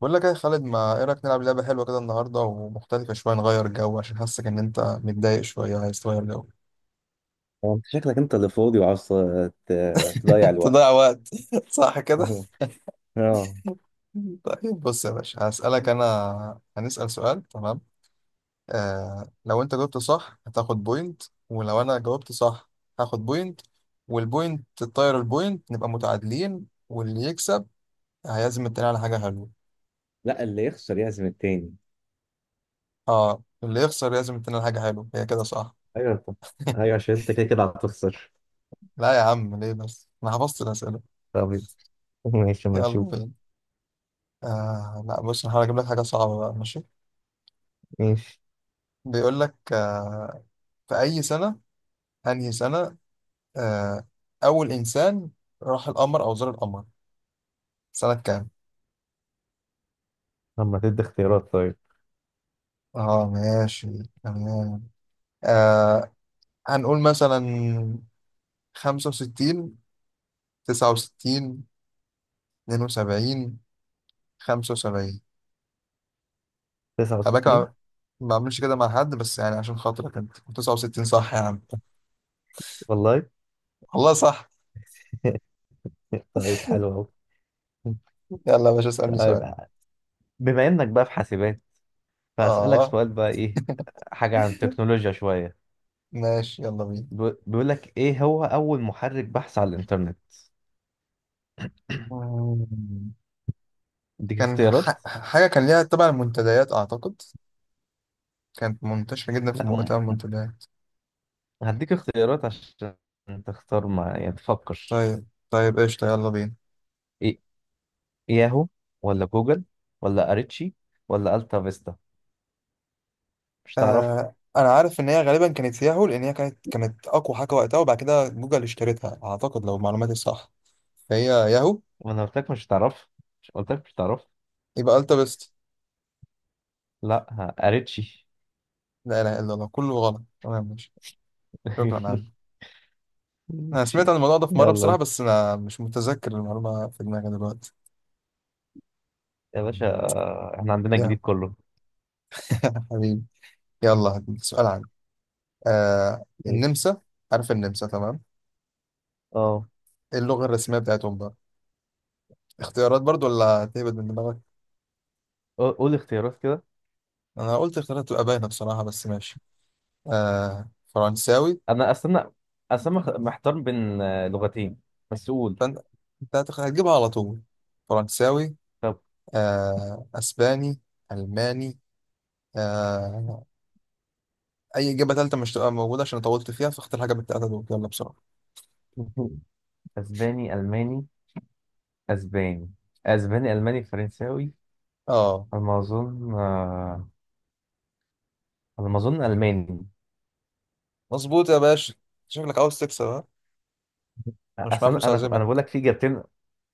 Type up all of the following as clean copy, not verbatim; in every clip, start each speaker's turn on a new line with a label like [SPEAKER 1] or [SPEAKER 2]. [SPEAKER 1] بقول لك إيه يا خالد، ما ايه رايك نلعب لعبه حلوه كده النهارده ومختلفه شويه، نغير جو عشان حاسك ان انت متضايق شويه عايز تغير جو.
[SPEAKER 2] هو انت شكلك انت اللي فاضي وعاوز تضيع
[SPEAKER 1] تضيع
[SPEAKER 2] الوقت.
[SPEAKER 1] وقت. صح كده.
[SPEAKER 2] مهم. اه.
[SPEAKER 1] طيب بص يا باشا، هسالك، انا هنسال سؤال، تمام؟ لو انت جاوبت صح هتاخد بوينت، ولو انا جاوبت صح هاخد بوينت، والبوينت تطير البوينت، نبقى متعادلين، واللي يكسب هيعزم التاني على حاجه حلوه.
[SPEAKER 2] لا، اللي يخسر يعزم التاني.
[SPEAKER 1] اه، اللي يخسر يعزم التاني على حاجه حلوه، هي كده صح.
[SPEAKER 2] ايوه انت ايوه، عشان انت كده كده هتخسر.
[SPEAKER 1] لا يا عم، ليه بس؟ انا حفظت الاسئله.
[SPEAKER 2] طب ماشي اما
[SPEAKER 1] يلا
[SPEAKER 2] نشوف.
[SPEAKER 1] بينا. لا بص، انا هحاول اجيب لك حاجه صعبه بقى، ماشي.
[SPEAKER 2] ماشي.
[SPEAKER 1] بيقول لك في اي سنه، انهي سنه، آه اول انسان راح القمر او زار القمر، سنه كام؟
[SPEAKER 2] اما تدي اختيارات طيب.
[SPEAKER 1] اه ماشي، تمام. آه هنقول مثلا 65، 69، 72، 75. خلي بالك،
[SPEAKER 2] 69.
[SPEAKER 1] ما بعملش كده مع حد، بس يعني عشان خاطرك انت، 69 صح يا عم؟
[SPEAKER 2] والله.
[SPEAKER 1] والله صح.
[SPEAKER 2] طيب حلو قوي.
[SPEAKER 1] يلا يا باشا اسالني سؤال.
[SPEAKER 2] طيب بما انك بقى في حاسبات فهسألك
[SPEAKER 1] اه
[SPEAKER 2] سؤال بقى ايه، حاجة عن التكنولوجيا شوية.
[SPEAKER 1] ماشي، يلا
[SPEAKER 2] بيقول لك ايه هو اول محرك بحث على الانترنت.
[SPEAKER 1] بينا.
[SPEAKER 2] اديك
[SPEAKER 1] كان
[SPEAKER 2] اختيارات.
[SPEAKER 1] حاجة كان ليها تبع المنتديات أعتقد، كانت منتشرة جدا في
[SPEAKER 2] لا،
[SPEAKER 1] مؤتمر المنتديات.
[SPEAKER 2] هديك اختيارات عشان تختار، ما يعني تفكر.
[SPEAKER 1] طيب طيب قشطة، يلا بينا.
[SPEAKER 2] إيه، ياهو ولا جوجل ولا اريتشي ولا التا فيستا؟ مش تعرفها.
[SPEAKER 1] آه أنا عارف إن هي غالبا كانت ياهو، لأن هي كانت أقوى حاجة وقتها، وبعد كده جوجل اشترتها أعتقد لو معلوماتي صح، فهي ياهو.
[SPEAKER 2] وانا قلت لك مش تعرفها. مش قلت لك مش تعرفها؟
[SPEAKER 1] يبقى ألتا بيست.
[SPEAKER 2] لا ها، اريتشي.
[SPEAKER 1] لا إله إلا الله، كله غلط، تمام ماشي. شكرا عم. أنا سمعت
[SPEAKER 2] ماشي.
[SPEAKER 1] عن الموضوع ده في مرة
[SPEAKER 2] يلا
[SPEAKER 1] بصراحة،
[SPEAKER 2] انت
[SPEAKER 1] بس أنا مش متذكر المعلومة في دماغي دلوقتي.
[SPEAKER 2] يا باشا. احنا عندنا
[SPEAKER 1] ياهو.
[SPEAKER 2] الجديد كله.
[SPEAKER 1] حبيبي. يلا هديك سؤال عن
[SPEAKER 2] ماشي.
[SPEAKER 1] النمسا. عارف النمسا؟ تمام.
[SPEAKER 2] اه.
[SPEAKER 1] ايه اللغة الرسمية بتاعتهم بقى؟ اختيارات برضو ولا هتهبد من دماغك؟
[SPEAKER 2] قول قول اختيارات كده.
[SPEAKER 1] انا قلت اختيارات تبقى باينة بصراحة، بس ماشي. آه، فرنساوي.
[SPEAKER 2] انا استنى، استنى محتار بين لغتين، بس قول.
[SPEAKER 1] فانت هتجيبها على طول. فرنساوي،
[SPEAKER 2] طب.
[SPEAKER 1] آه، اسباني، الماني، آه، اي اجابة تالتة مش تبقى موجودة عشان طولت فيها، فاختار حاجة من التلاتة دول، يلا بسرعة.
[SPEAKER 2] اسباني الماني. اسباني. اسباني الماني فرنساوي.
[SPEAKER 1] اه
[SPEAKER 2] على ما اظن على ما اظن الماني.
[SPEAKER 1] مظبوط يا باشا، شكلك عاوز تكسب ها. انا مش
[SPEAKER 2] اصل
[SPEAKER 1] معايا فلوس
[SPEAKER 2] انا انا أنا بقول
[SPEAKER 1] اعزمك.
[SPEAKER 2] لك في اجابتين،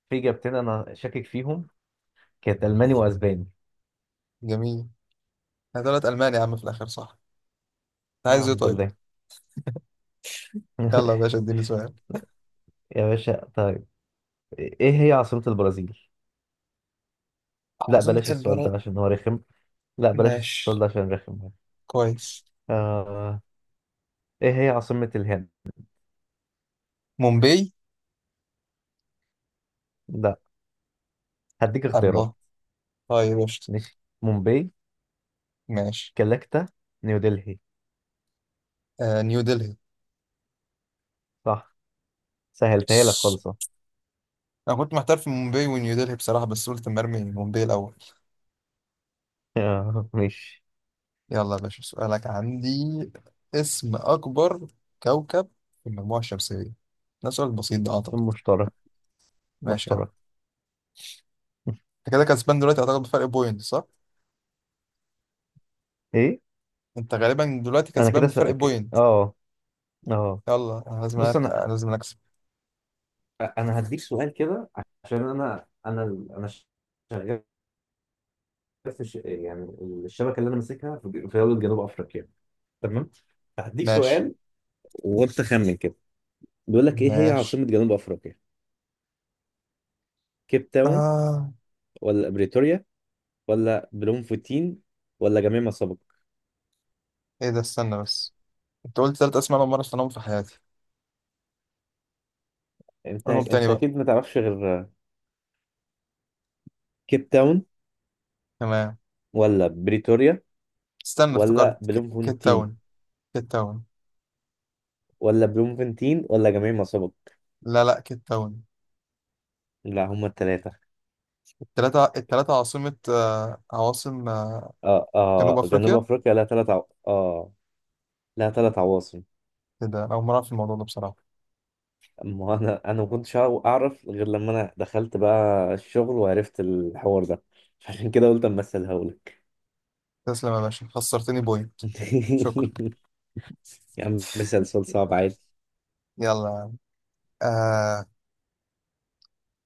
[SPEAKER 2] في اجابتين انا شاكك فيهم، كانت الماني واسباني.
[SPEAKER 1] جميل، انا طلعت الماني يا عم في الاخر صح. انت عايز ايه
[SPEAKER 2] الحمد
[SPEAKER 1] طيب؟
[SPEAKER 2] لله.
[SPEAKER 1] يلا يا باشا اديني سؤال.
[SPEAKER 2] يا باشا طيب. ايه هي عاصمة البرازيل؟ لا
[SPEAKER 1] عاصمة
[SPEAKER 2] بلاش السؤال ده
[SPEAKER 1] البلد.
[SPEAKER 2] عشان هو رخم. لا بلاش السؤال
[SPEAKER 1] ماشي،
[SPEAKER 2] ده عشان رخم.
[SPEAKER 1] كويس.
[SPEAKER 2] آه... ايه هي عاصمة الهند؟
[SPEAKER 1] مومباي.
[SPEAKER 2] لا، هديك اختيارات.
[SPEAKER 1] الله، طيب قشطة.
[SPEAKER 2] ماشي، مومباي،
[SPEAKER 1] ماشي.
[SPEAKER 2] كلكتة، نيودلهي.
[SPEAKER 1] آه، نيو دلهي.
[SPEAKER 2] صح. سهلتها لك
[SPEAKER 1] بس
[SPEAKER 2] خالص أهو.
[SPEAKER 1] انا كنت محتار في مومباي ونيو دلهي بصراحة، بس قلت مرمي مومباي الاول.
[SPEAKER 2] ماشي.
[SPEAKER 1] يلا يا باشا سؤالك عندي. اسم اكبر كوكب في المجموعة الشمسية، ده سؤال بسيط ده اعتقد.
[SPEAKER 2] مشترك،
[SPEAKER 1] ماشي يا عم.
[SPEAKER 2] مشترك.
[SPEAKER 1] انت كده كسبان دلوقتي اعتقد بفرق بوينت صح؟
[SPEAKER 2] ايه؟
[SPEAKER 1] انت غالبا دلوقتي
[SPEAKER 2] انا كده
[SPEAKER 1] كسبان بفرق
[SPEAKER 2] سأك...
[SPEAKER 1] بوينت.
[SPEAKER 2] اه اه.
[SPEAKER 1] يلا أنا لازم
[SPEAKER 2] بص،
[SPEAKER 1] أركع.
[SPEAKER 2] انا
[SPEAKER 1] لازم اكسب.
[SPEAKER 2] انا هديك سؤال كده، عشان انا شغال يعني الشبكه اللي انا ماسكها في دوله جنوب افريقيا، تمام؟ هديك
[SPEAKER 1] ماشي
[SPEAKER 2] سؤال وانت خمن كده. بيقول لك ايه هي
[SPEAKER 1] ماشي.
[SPEAKER 2] عاصمه جنوب افريقيا؟ كيب تاون
[SPEAKER 1] آه،
[SPEAKER 2] ولا بريتوريا ولا بلومفتين ولا جميع ما سبق؟
[SPEAKER 1] ايه ده، استنى بس، انت قلت ثلاث اسماء انا مرة في حياتي،
[SPEAKER 2] انت
[SPEAKER 1] قولهم تاني
[SPEAKER 2] انت
[SPEAKER 1] بقى.
[SPEAKER 2] اكيد ما تعرفش غير كيب تاون.
[SPEAKER 1] تمام.
[SPEAKER 2] ولا بريتوريا،
[SPEAKER 1] استنى
[SPEAKER 2] ولا
[SPEAKER 1] افتكرت كيت
[SPEAKER 2] بلومفونتين
[SPEAKER 1] تاون. كيت تاون.
[SPEAKER 2] ولا بلومفونتين ولا جميع ما سبق؟
[SPEAKER 1] لا لا، كيت تاون.
[SPEAKER 2] لا هما الثلاثه.
[SPEAKER 1] التلاتة التلاتة عاصمة، آه، عواصم، آه،
[SPEAKER 2] اه
[SPEAKER 1] جنوب
[SPEAKER 2] اه، جنوب
[SPEAKER 1] أفريقيا.
[SPEAKER 2] افريقيا لها ثلاث عو... اه لها ثلاث عواصم.
[SPEAKER 1] كده أنا أول مرة أعرف الموضوع ده بصراحة.
[SPEAKER 2] اما انا ما كنتش اعرف غير لما انا دخلت بقى الشغل وعرفت الحوار ده، عشان كده قلت اما اسالها لك.
[SPEAKER 1] تسلم يا باشا، خسرتني بوينت. شكرا.
[SPEAKER 2] يا عم مثال، سؤال صعب عادي.
[SPEAKER 1] يلا، آه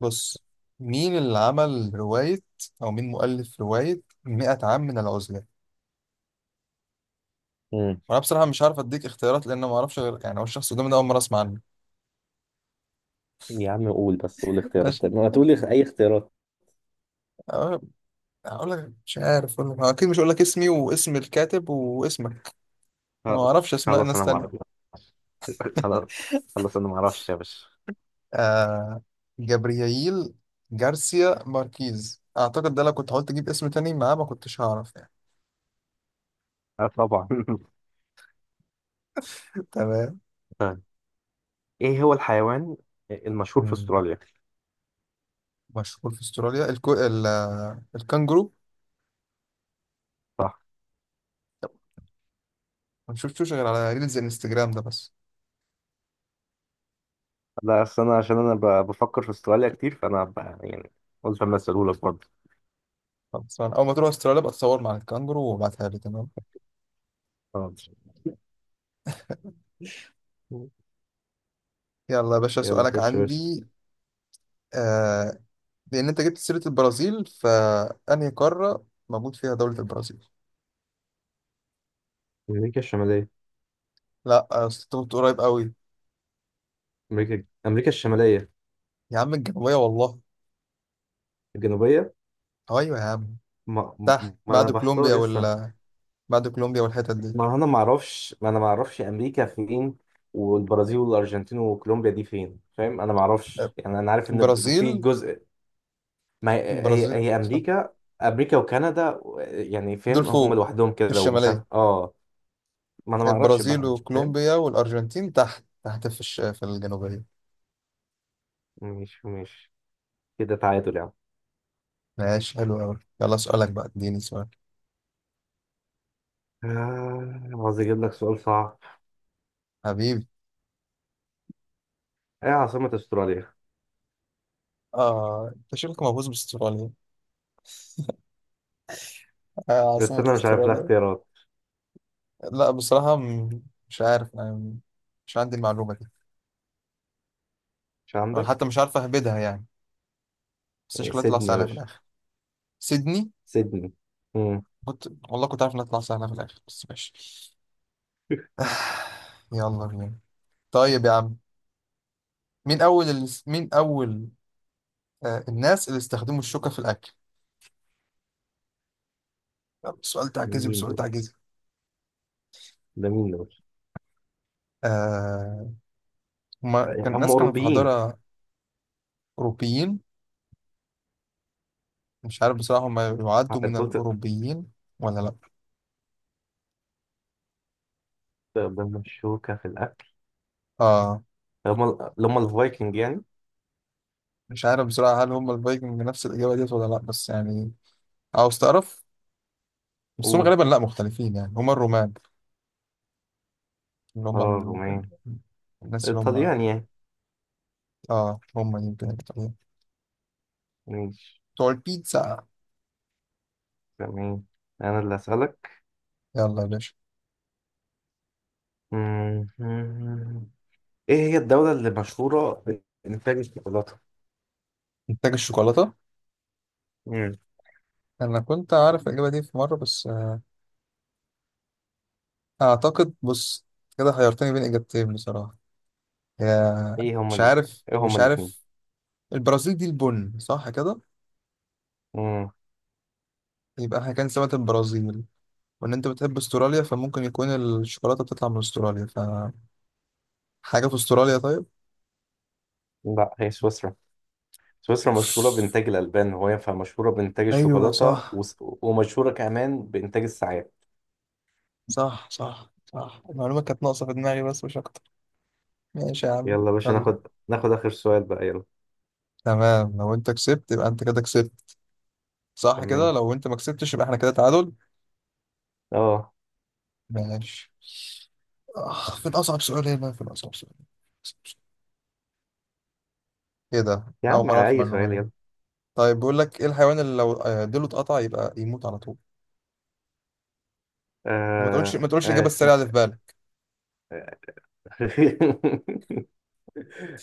[SPEAKER 1] بص. مين اللي عمل رواية أو مين مؤلف رواية 100 عام من العزلة؟
[SPEAKER 2] مم.
[SPEAKER 1] وأنا بصراحة مش عارف أديك اختيارات لأن ما أعرفش، غير يعني هو الشخص قدامي ده أول مرة أسمع عنه.
[SPEAKER 2] يا عم قول بس، قول اختيارات
[SPEAKER 1] ماشي.
[SPEAKER 2] طيب، ما تقولي اي اختيارات.
[SPEAKER 1] أه، هقول لك مش عارف أقول لك، أكيد مش هقول لك اسمي واسم الكاتب واسمك. أنا ما
[SPEAKER 2] خلاص
[SPEAKER 1] أعرفش أسماء
[SPEAKER 2] خلاص
[SPEAKER 1] ناس
[SPEAKER 2] انا ما اعرف.
[SPEAKER 1] تانية.
[SPEAKER 2] خلاص خلاص انا ما اعرفش يا باشا.
[SPEAKER 1] آه، جابرييل جارسيا ماركيز اعتقد، ده لو كنت حاولت اجيب اسم تاني معاه ما كنتش هعرف يعني.
[SPEAKER 2] اه طبعا.
[SPEAKER 1] تمام.
[SPEAKER 2] طيب ايه هو الحيوان المشهور في
[SPEAKER 1] مم.
[SPEAKER 2] استراليا؟
[SPEAKER 1] مشهور في استراليا؟ الكو... ال... آه، الكانجرو. ما شفتوش غير على ريلز الانستجرام ده بس.
[SPEAKER 2] لا أصل أنا عشان أنا بفكر في استراليا كتير، يعني قلت أما أسألهولك برضه.
[SPEAKER 1] خلاص، أنا اول ما تروح استراليا بقى تصور مع الكانجرو وابعتها لي، تمام.
[SPEAKER 2] اه.
[SPEAKER 1] يلا يا باشا
[SPEAKER 2] يلا
[SPEAKER 1] سؤالك
[SPEAKER 2] خش يا باشا.
[SPEAKER 1] عندي. آه... لان انت جبت سيرة البرازيل، فانهي قارة موجود فيها دولة البرازيل؟
[SPEAKER 2] امريكا الشماليه.
[SPEAKER 1] لا، آه، أصل انت كنت قريب قوي.
[SPEAKER 2] امريكا الشماليه.
[SPEAKER 1] يا عم الجنوبية والله.
[SPEAKER 2] الجنوبيه.
[SPEAKER 1] ايوه يا عم.
[SPEAKER 2] ما,
[SPEAKER 1] تحت
[SPEAKER 2] ما انا
[SPEAKER 1] بعد
[SPEAKER 2] بحتار
[SPEAKER 1] كولومبيا
[SPEAKER 2] لسه.
[SPEAKER 1] وال بعد كولومبيا والحتت دي.
[SPEAKER 2] ما انا ما اعرفش امريكا فين، والبرازيل والارجنتين وكولومبيا دي فين، فاهم؟ انا ما اعرفش يعني. انا عارف ان في
[SPEAKER 1] البرازيل.
[SPEAKER 2] جزء، ما هي هي,
[SPEAKER 1] البرازيل
[SPEAKER 2] هي امريكا، امريكا وكندا يعني،
[SPEAKER 1] دول
[SPEAKER 2] فاهم؟ هم
[SPEAKER 1] فوق
[SPEAKER 2] لوحدهم
[SPEAKER 1] في
[SPEAKER 2] كده ومش
[SPEAKER 1] الشمالية؟
[SPEAKER 2] عارف، اه. ما انا ما اعرفش
[SPEAKER 1] البرازيل
[SPEAKER 2] بقى، فاهم؟
[SPEAKER 1] وكولومبيا والأرجنتين تحت تحت في في الجنوبية.
[SPEAKER 2] ماشي ماشي، كده تعادل يعني.
[SPEAKER 1] ماشي حلو أوي، يلا سؤالك بقى، اديني سؤال.
[SPEAKER 2] عاوز اجيب لك سؤال صعب.
[SPEAKER 1] حبيبي.
[SPEAKER 2] ايه عاصمة استراليا؟
[SPEAKER 1] آه أنت شكلك مهووس باستراليا. آه،
[SPEAKER 2] بس
[SPEAKER 1] عاصمة
[SPEAKER 2] انا مش عارف لها
[SPEAKER 1] استراليا.
[SPEAKER 2] اختيارات.
[SPEAKER 1] لا بصراحة مش عارف أنا، مش عندي المعلومة دي.
[SPEAKER 2] مش
[SPEAKER 1] أنا حتى
[SPEAKER 2] عندك.
[SPEAKER 1] مش عارف أهبدها يعني، بس شكلها تطلع
[SPEAKER 2] سيدني يا
[SPEAKER 1] سهلة في
[SPEAKER 2] باشا.
[SPEAKER 1] الآخر. سيدني.
[SPEAKER 2] سيدني. مم.
[SPEAKER 1] كنت والله كنت عارف إنها تطلع سهلة في الآخر، بس ماشي. يلا بينا. طيب يا عم، مين أول، آه، الناس اللي استخدموا الشوكة في الأكل؟ يلا، سؤال تعجزي
[SPEAKER 2] مين
[SPEAKER 1] بسؤال
[SPEAKER 2] دول
[SPEAKER 1] تعجزي.
[SPEAKER 2] ده مين دول؟
[SPEAKER 1] آه، هما كان
[SPEAKER 2] هم
[SPEAKER 1] الناس كانوا في
[SPEAKER 2] اوروبيين.
[SPEAKER 1] حضارة. أوروبيين. مش عارف بصراحة هما يعدوا من
[SPEAKER 2] انت قلت
[SPEAKER 1] الأوروبيين ولا لأ؟
[SPEAKER 2] ده مشوكة في الاكل.
[SPEAKER 1] آه،
[SPEAKER 2] هم اللي هم الفايكنج يعني.
[SPEAKER 1] مش عارف بصراحة هل هما الفايكنج نفس الإجابة ديت ولا لأ، بس يعني عاوز تعرف، بس هما
[SPEAKER 2] قول.
[SPEAKER 1] غالبا لأ، مختلفين يعني، هما الرومان، اللي هما
[SPEAKER 2] اه، رومان.
[SPEAKER 1] ال- الناس اللي
[SPEAKER 2] الطليان
[SPEAKER 1] هما،
[SPEAKER 2] يعني.
[SPEAKER 1] آه هما يمكن
[SPEAKER 2] ماشي.
[SPEAKER 1] بتوع البيتزا.
[SPEAKER 2] تمام، انا اللي اسالك.
[SPEAKER 1] يلا يا باشا.
[SPEAKER 2] مم. ايه هي الدولة اللي مشهورة بانتاج الشوكولاتة؟
[SPEAKER 1] إنتاج الشوكولاتة.
[SPEAKER 2] مم.
[SPEAKER 1] انا كنت عارف الاجابه دي في مره، بس آه، اعتقد بص، كده حيرتني بين اجابتين بصراحه. يا
[SPEAKER 2] ايه هما
[SPEAKER 1] مش
[SPEAKER 2] اللي
[SPEAKER 1] عارف
[SPEAKER 2] ايه هما
[SPEAKER 1] مش
[SPEAKER 2] الاتنين؟
[SPEAKER 1] عارف. البرازيل دي البن صح كده، يبقى احنا كان سمكه البرازيل، وان انت بتحب استراليا فممكن يكون الشوكولاته بتطلع من استراليا، فحاجه في استراليا طيب.
[SPEAKER 2] لا هي سويسرا. سويسرا مشهورة بإنتاج الألبان، وهي فمشهورة بإنتاج
[SPEAKER 1] ايوه
[SPEAKER 2] الشوكولاتة،
[SPEAKER 1] صح،
[SPEAKER 2] ومشهورة كمان بإنتاج الساعات.
[SPEAKER 1] صح المعلومه كانت ناقصه في دماغي بس مش اكتر. ماشي يا عم.
[SPEAKER 2] يلا يا باشا
[SPEAKER 1] يلا،
[SPEAKER 2] ناخد آخر سؤال بقى، يلا.
[SPEAKER 1] تمام، لو انت كسبت يبقى انت كده كسبت صح كده،
[SPEAKER 2] تمام.
[SPEAKER 1] لو انت ما كسبتش يبقى احنا كده تعادل.
[SPEAKER 2] اه.
[SPEAKER 1] ماشي. آه، فين أصعب سؤال هنا، فين أصعب سؤال. إيه ده،
[SPEAKER 2] يا
[SPEAKER 1] أنا أول
[SPEAKER 2] عم
[SPEAKER 1] مرة أعرف
[SPEAKER 2] أي
[SPEAKER 1] المعلومة
[SPEAKER 2] سؤال
[SPEAKER 1] دي.
[SPEAKER 2] يلا.
[SPEAKER 1] طيب بيقول لك إيه الحيوان اللي لو، آه، ديله اتقطع يبقى يموت على طول؟ وما تقولش ما تقولش الإجابة
[SPEAKER 2] اسمه.
[SPEAKER 1] السريعة اللي في بالك.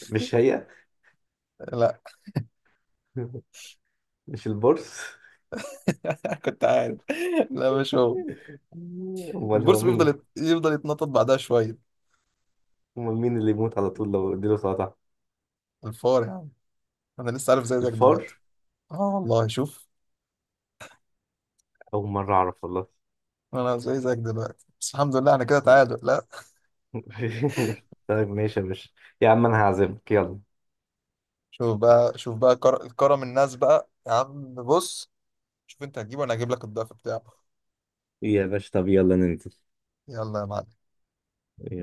[SPEAKER 2] مش هي؟
[SPEAKER 1] لا
[SPEAKER 2] مش البورس؟
[SPEAKER 1] كنت عارف، لا مش هو.
[SPEAKER 2] أمال هو
[SPEAKER 1] البورس
[SPEAKER 2] مين؟
[SPEAKER 1] يفضل يتنطط بعدها شوية.
[SPEAKER 2] أمال مين اللي يموت على طول لو اديله سلطة؟
[SPEAKER 1] الفار يا عم، أنا لسه عارف زي زيك دلوقتي.
[SPEAKER 2] الفار؟
[SPEAKER 1] آه والله شوف.
[SPEAKER 2] أول مرة أعرف والله.
[SPEAKER 1] أنا زي زيك دلوقتي، بس الحمد لله أنا كده تعادل، لا.
[SPEAKER 2] طيب ماشي يا باشا. يا عم أنا هعزمك يلا.
[SPEAKER 1] شوف بقى شوف بقى، كرم الناس بقى يا عم، بص، شوف أنت هتجيبه وأنا هجيب لك الضعف بتاعه.
[SPEAKER 2] يا باشا، طب يلا ننزل.
[SPEAKER 1] يلا يا معلم.
[SPEAKER 2] يلا.